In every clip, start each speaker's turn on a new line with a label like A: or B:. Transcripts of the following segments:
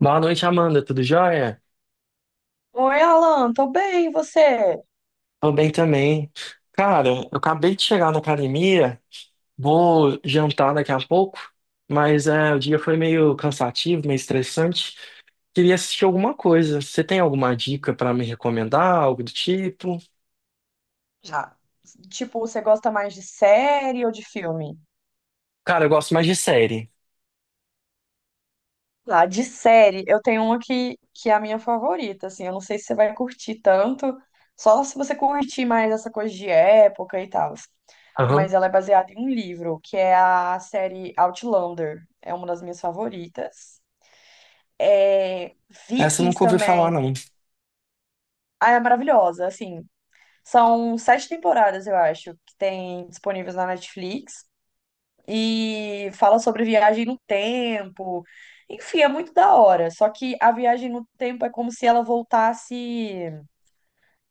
A: Boa noite, Amanda. Tudo jóia?
B: Oi, Alan, tô bem, e você?
A: Tô bem também. Cara, eu acabei de chegar na academia, vou jantar daqui a pouco, mas o dia foi meio cansativo, meio estressante. Queria assistir alguma coisa. Você tem alguma dica pra me recomendar, algo do tipo?
B: Já. Tipo, você gosta mais de série ou de filme?
A: Cara, eu gosto mais de série.
B: Ah, de série, eu tenho uma que é a minha favorita, assim, eu não sei se você vai curtir tanto, só se você curtir mais essa coisa de época e tal. Mas
A: Aham.
B: ela é baseada em um livro, que é a série Outlander, é uma das minhas favoritas. É,
A: Essa eu
B: Vikings
A: nunca ouvi falar,
B: também,
A: não.
B: ah, é maravilhosa, assim, são sete temporadas, eu acho, que tem disponíveis na Netflix. E fala sobre viagem no tempo. Enfim, é muito da hora. Só que a viagem no tempo é como se ela voltasse.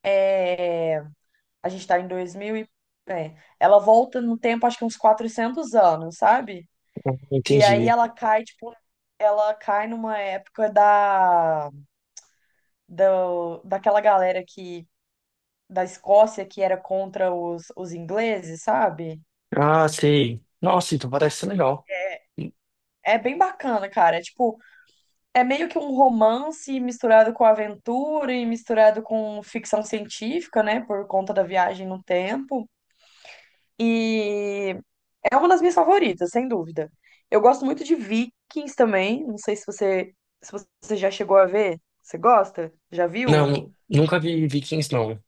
B: é, A gente tá em 2000 e. Ela volta no tempo, acho que uns 400 anos, sabe? E aí
A: Entendi.
B: ela cai, tipo, ela cai numa época da, da daquela galera que da Escócia que era contra os ingleses, sabe?
A: Ah, sei. Nossa, então parece ser legal.
B: É, é bem bacana, cara. É, tipo, é meio que um romance misturado com aventura e misturado com ficção científica, né? Por conta da viagem no tempo. E é uma das minhas favoritas, sem dúvida. Eu gosto muito de Vikings também. Não sei se você já chegou a ver. Você gosta? Já viu?
A: Não, nunca vi Vikings, não.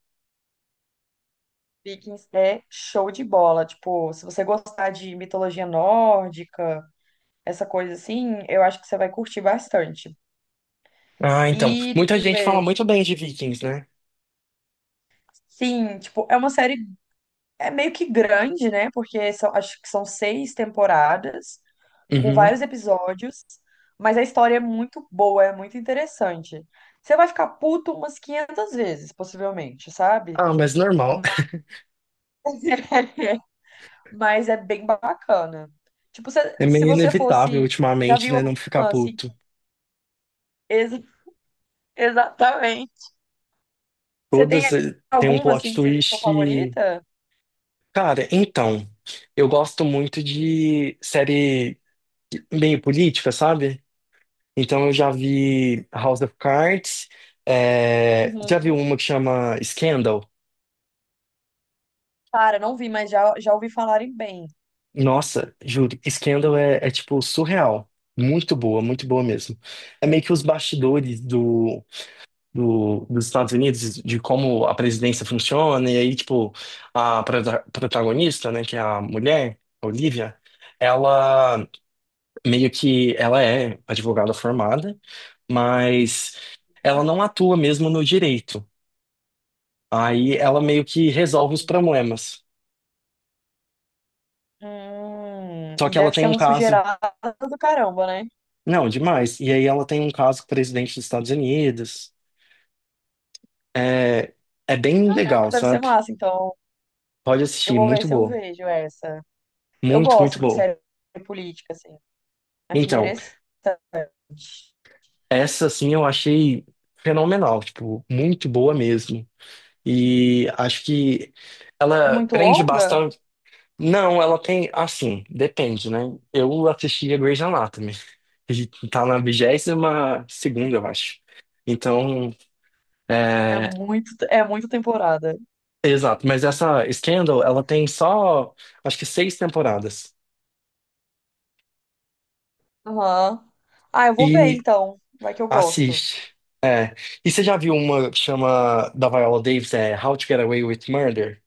B: Vikings é show de bola. Tipo, se você gostar de mitologia nórdica, essa coisa assim, eu acho que você vai curtir bastante.
A: Ah, então.
B: E, deixa
A: Muita
B: eu
A: gente fala
B: ver.
A: muito bem de Vikings, né?
B: Sim, tipo, é uma série é meio que grande, né? Porque são, acho que são seis temporadas, com
A: Uhum.
B: vários episódios, mas a história é muito boa, é muito interessante. Você vai ficar puto umas 500 vezes, possivelmente, sabe?
A: Ah, mas normal.
B: Mas, mas é bem bacana. Tipo, se,
A: É
B: se
A: meio
B: você
A: inevitável
B: fosse. Já
A: ultimamente,
B: viu
A: né? Não ficar
B: alguma, assim,
A: puto.
B: que. Ex- exatamente. Você
A: Todas
B: tem
A: têm um
B: alguma,
A: plot
B: assim, que seja sua
A: twist que.
B: favorita?
A: Cara, então. Eu gosto muito de série meio política, sabe? Então eu já vi House of Cards. Já vi
B: Uhum.
A: uma que chama Scandal.
B: Para, não vi, mas já ouvi falarem bem.
A: Nossa, juro, Scandal é tipo surreal. Muito boa mesmo. É meio que os bastidores dos Estados Unidos, de como a presidência funciona, e aí, tipo, a protagonista, né, que é a mulher, a Olivia, ela meio que, ela é advogada formada, mas ela
B: Uhum.
A: não atua mesmo no direito. Aí ela meio que resolve os
B: Entendi.
A: problemas. Só
B: E
A: que ela
B: deve
A: tem
B: ser
A: um
B: uma
A: caso,
B: sujeirada do caramba, né?
A: não, demais, e aí ela tem um caso com o presidente dos Estados Unidos. É, é bem
B: Caraca,
A: legal,
B: deve ser
A: sabe?
B: massa. Então,
A: Pode
B: eu
A: assistir,
B: vou ver
A: muito
B: se eu
A: boa.
B: vejo essa. Eu
A: Muito, muito
B: gosto de
A: boa.
B: série política, assim. Acho
A: Então,
B: interessante.
A: essa, assim, eu achei fenomenal, tipo, muito boa mesmo. E acho que
B: É
A: ela
B: muito
A: prende
B: longa?
A: bastante. Não, ela tem, assim, depende, né? Eu assisti a Grey's Anatomy. E tá na 22ª, eu acho. Então, é...
B: É muito temporada.
A: Exato, mas essa Scandal, ela tem só, acho que seis temporadas.
B: Aham. Ah, eu vou ver
A: E
B: então. Vai que eu gosto.
A: assiste. É. E você já viu uma que chama da Viola Davis, é How to Get Away with Murder?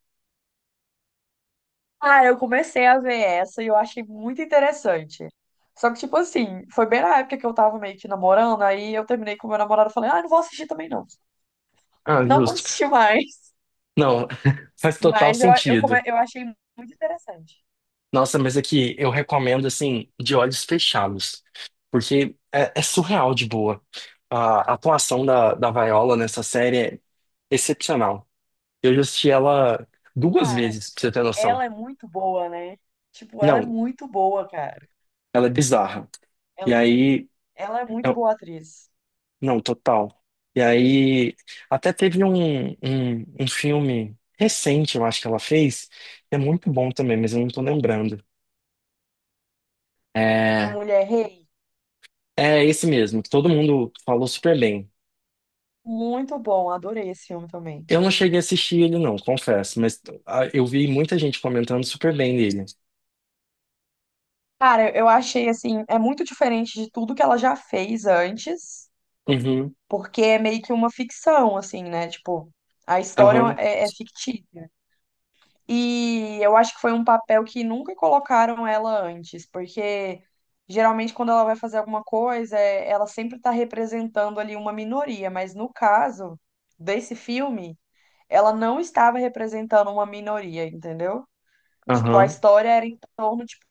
B: Ah, eu comecei a ver essa e eu achei muito interessante. Só que, tipo assim, foi bem na época que eu tava meio que namorando, aí eu terminei com meu namorado e falei, ah, não vou assistir também não.
A: Ah,
B: Não vou
A: justo.
B: assistir mais.
A: Não, faz total
B: Mas
A: sentido.
B: eu achei muito interessante.
A: Nossa, mas aqui eu recomendo assim, de olhos fechados, porque é surreal de boa. A atuação da Viola nessa série é excepcional. Eu já assisti ela duas
B: Cara,
A: vezes, pra você ter noção.
B: ela é muito boa, né? Tipo, ela é
A: Não,
B: muito boa, cara.
A: ela é bizarra. E
B: Ela,
A: aí.
B: ela é muito
A: eu-
B: boa atriz.
A: não, total. E aí. Até teve um filme recente, eu acho que ela fez, que é muito bom também, mas eu não tô lembrando.
B: Uma
A: É,
B: mulher rei.
A: É esse mesmo, que todo mundo falou super bem.
B: Muito bom. Adorei esse filme também.
A: Eu não cheguei a
B: Adorei.
A: assistir ele, não, confesso, mas ah, eu vi muita gente comentando super bem dele.
B: Cara, eu achei assim, é muito diferente de tudo que ela já fez antes,
A: Uhum,
B: porque é meio que uma ficção, assim, né? Tipo, a história
A: aham,
B: é fictícia. E eu acho que foi um papel que nunca colocaram ela antes, porque geralmente quando ela vai fazer alguma coisa, ela sempre está representando ali uma minoria, mas no caso desse filme, ela não estava representando uma minoria, entendeu? Tipo, a
A: aham,
B: história era em torno tipo,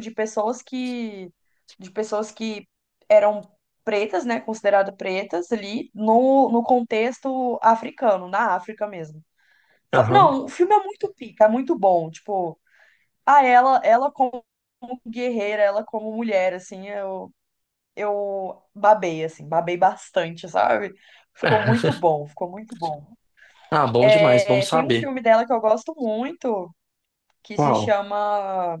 B: de pessoas que de pessoas que eram pretas, né, consideradas pretas ali no contexto africano, na África mesmo.
A: aham.
B: Não, o filme é muito pica, é muito bom. Tipo, ela como guerreira, ela como mulher, assim, eu babei, assim, babei bastante, sabe? Ficou muito bom, ficou muito bom.
A: Ah, bom demais, bom
B: É, tem um
A: saber.
B: filme dela que eu gosto muito, que se
A: Qual?
B: chama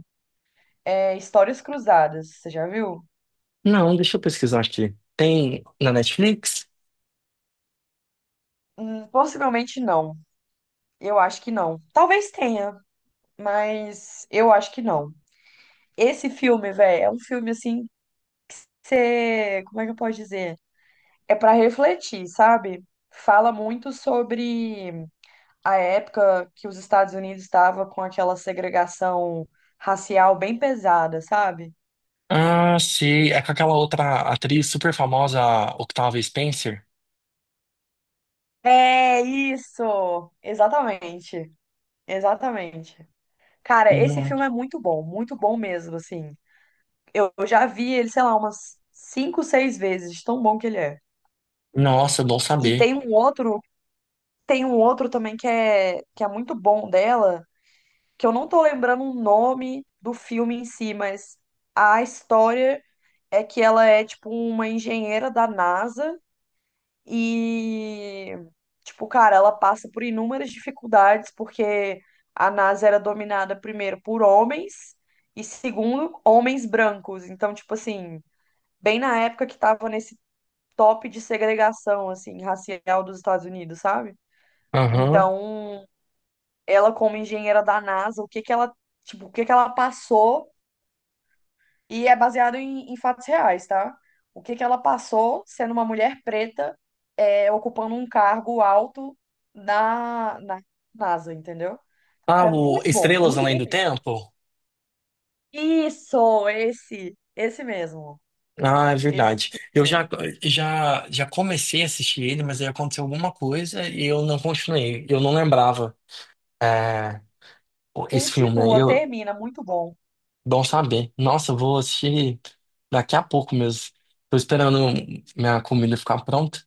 B: Histórias Cruzadas. Você já viu?
A: Não, deixa eu pesquisar aqui. Tem na Netflix?
B: Possivelmente não. Eu acho que não. Talvez tenha, mas eu acho que não. Esse filme, velho, é um filme assim. Você, como é que eu posso dizer? É para refletir, sabe? Fala muito sobre a época que os Estados Unidos estavam com aquela segregação racial bem pesada, sabe?
A: Ah, sim, é com aquela outra atriz super famosa, a Octavia Spencer?
B: É isso! Exatamente, exatamente. Cara, esse
A: Não.
B: filme é muito bom mesmo, assim. Eu já vi ele, sei lá, umas cinco, seis vezes, de tão bom que ele é.
A: Nossa, bom
B: E
A: saber.
B: tem um outro também que é muito bom dela que eu não tô lembrando o nome do filme em si, mas a história é que ela é tipo uma engenheira da NASA e tipo, cara, ela passa por inúmeras dificuldades porque a NASA era dominada primeiro por homens e segundo, homens brancos. Então, tipo assim, bem na época que tava nesse top de segregação assim racial dos Estados Unidos, sabe?
A: Aham.
B: Então, ela como engenheira da NASA, o que que ela, tipo, o que que ela passou. E é baseado em fatos reais, tá? O que que ela passou sendo uma mulher preta, ocupando um cargo alto na NASA, entendeu?
A: Ah,
B: É
A: o Estrelas
B: muito
A: Além
B: bom
A: do
B: mesmo.
A: Tempo?
B: Isso, esse mesmo,
A: Ah, é
B: esse
A: verdade. Eu já,
B: mesmo.
A: já, já comecei a assistir ele, mas aí aconteceu alguma coisa e eu não continuei. Eu não lembrava é, esse filme. Aí.
B: Continua, termina, muito bom.
A: Bom saber. Nossa, eu vou assistir daqui a pouco mesmo. Tô esperando minha comida ficar pronta.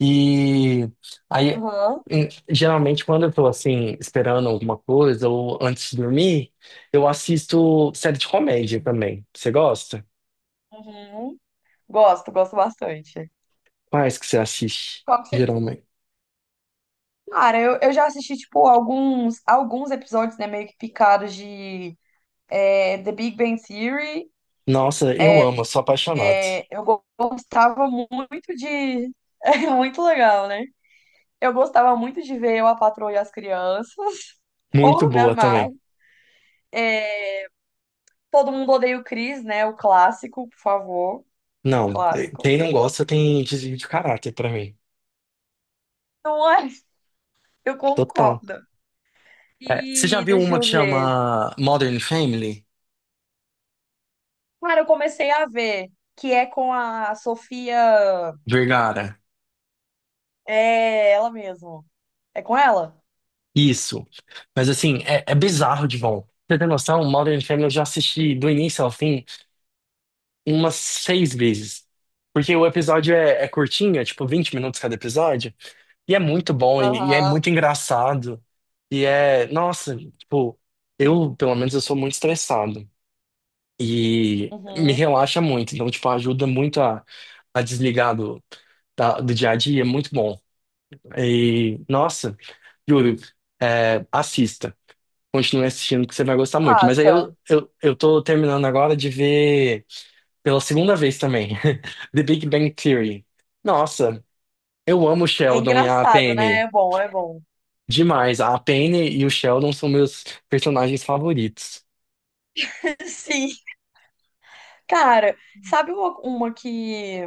A: E aí,
B: Uhum.
A: geralmente, quando eu tô assim, esperando alguma coisa ou antes de dormir, eu assisto série de comédia também. Você gosta?
B: Uhum. Gosto, gosto bastante.
A: Quais que você assiste,
B: Qual que você...
A: geralmente?
B: Cara, eu já assisti, tipo, alguns episódios, né, meio que picados de The Big Bang Theory.
A: Nossa, eu amo, sou apaixonado.
B: É, eu gostava muito de. É muito legal, né? Eu gostava muito de ver Eu, a Patroa e as Crianças.
A: Muito
B: Porra, me
A: boa
B: amava.
A: também.
B: Todo mundo odeia o Chris, né? O clássico, por favor.
A: Não,
B: Clássico.
A: quem não gosta tem desvio de caráter pra mim.
B: Não é? Eu
A: Total.
B: concordo.
A: É, você já
B: E
A: viu
B: deixa
A: uma
B: eu
A: que
B: ver.
A: chama Modern Family?
B: Cara, eu comecei a ver que é com a Sofia.
A: Vergara.
B: É ela mesmo. É com ela?
A: Isso. Mas assim, é bizarro de bom. Pra você tem noção? Modern Family eu já assisti do início ao fim umas seis vezes. Porque o episódio é curtinho, é tipo 20 minutos cada episódio. E é muito bom, e é
B: Aham.
A: muito engraçado. E é, nossa, tipo, eu, pelo menos, eu sou muito estressado. E me
B: Uhum.
A: relaxa muito. Então, tipo, ajuda muito a desligar do dia a dia, é muito bom. E, nossa, juro, é, assista. Continue assistindo que você vai gostar muito. Mas aí
B: Passa.
A: eu tô terminando agora de ver pela segunda vez também, The Big Bang Theory. Nossa, eu amo o
B: É
A: Sheldon e a
B: engraçado, né?
A: Penny
B: É bom, é bom.
A: demais. A Penny e o Sheldon são meus personagens favoritos.
B: Sim. Cara, sabe uma que,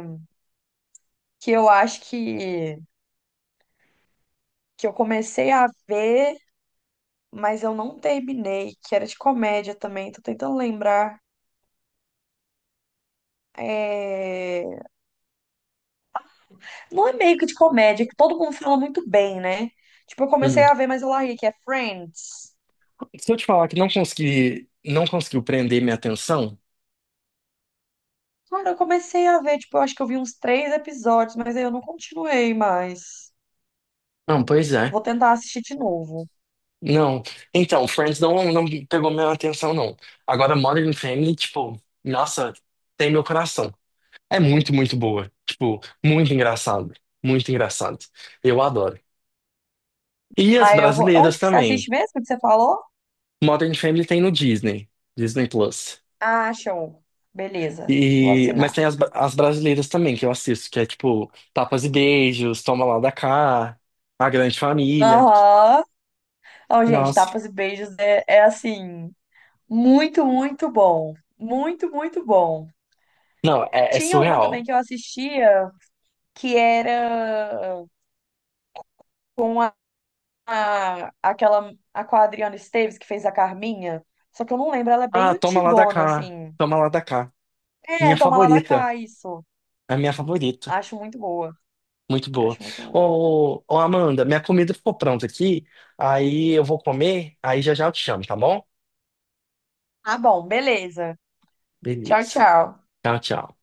B: que eu acho que eu comecei a ver, mas eu não terminei, que era de comédia também, tô tentando lembrar. É... Não é meio que de comédia, que todo mundo fala muito bem, né? Tipo, eu comecei
A: Uhum.
B: a ver, mas eu larguei, que é Friends.
A: Se eu te falar que não consegui, não conseguiu prender minha atenção,
B: Cara, eu comecei a ver, tipo, eu acho que eu vi uns três episódios, mas aí eu não continuei mais.
A: não, pois é.
B: Vou tentar assistir de novo.
A: Não. Então, Friends não, não pegou minha atenção, não. Agora, Modern Family, tipo, nossa, tem meu coração. É muito, muito boa. Tipo, muito engraçado. Muito engraçado. Eu adoro. E as
B: Aí eu vou.
A: brasileiras
B: Onde que você assiste
A: também.
B: mesmo que você falou?
A: Modern Family tem no Disney. Disney Plus.
B: Ah, show. Beleza, vou
A: E, mas tem
B: assinar.
A: as brasileiras também que eu assisto, que é tipo Tapas e Beijos, Toma Lá da Cá, A Grande Família.
B: Aham. Ó, gente,
A: Nossa.
B: Tapas e Beijos é assim, muito, muito bom. Muito, muito bom.
A: Não, é, é
B: Tinha uma também
A: surreal.
B: que eu assistia que era com a, aquela a com a Adriana Esteves que fez a Carminha. Só que eu não lembro, ela é bem
A: Ah, Toma Lá da
B: antigona,
A: Cá.
B: assim.
A: Toma Lá da Cá.
B: É,
A: Minha
B: Toma Lá da
A: favorita.
B: Cá, isso.
A: A minha favorita.
B: Acho muito boa.
A: Muito boa.
B: Acho muito boa.
A: Ô, Amanda, minha comida ficou pronta aqui. Aí eu vou comer. Aí já já eu te chamo, tá bom?
B: Tá bom, beleza. Tchau,
A: Beleza.
B: tchau.
A: Tchau, tchau.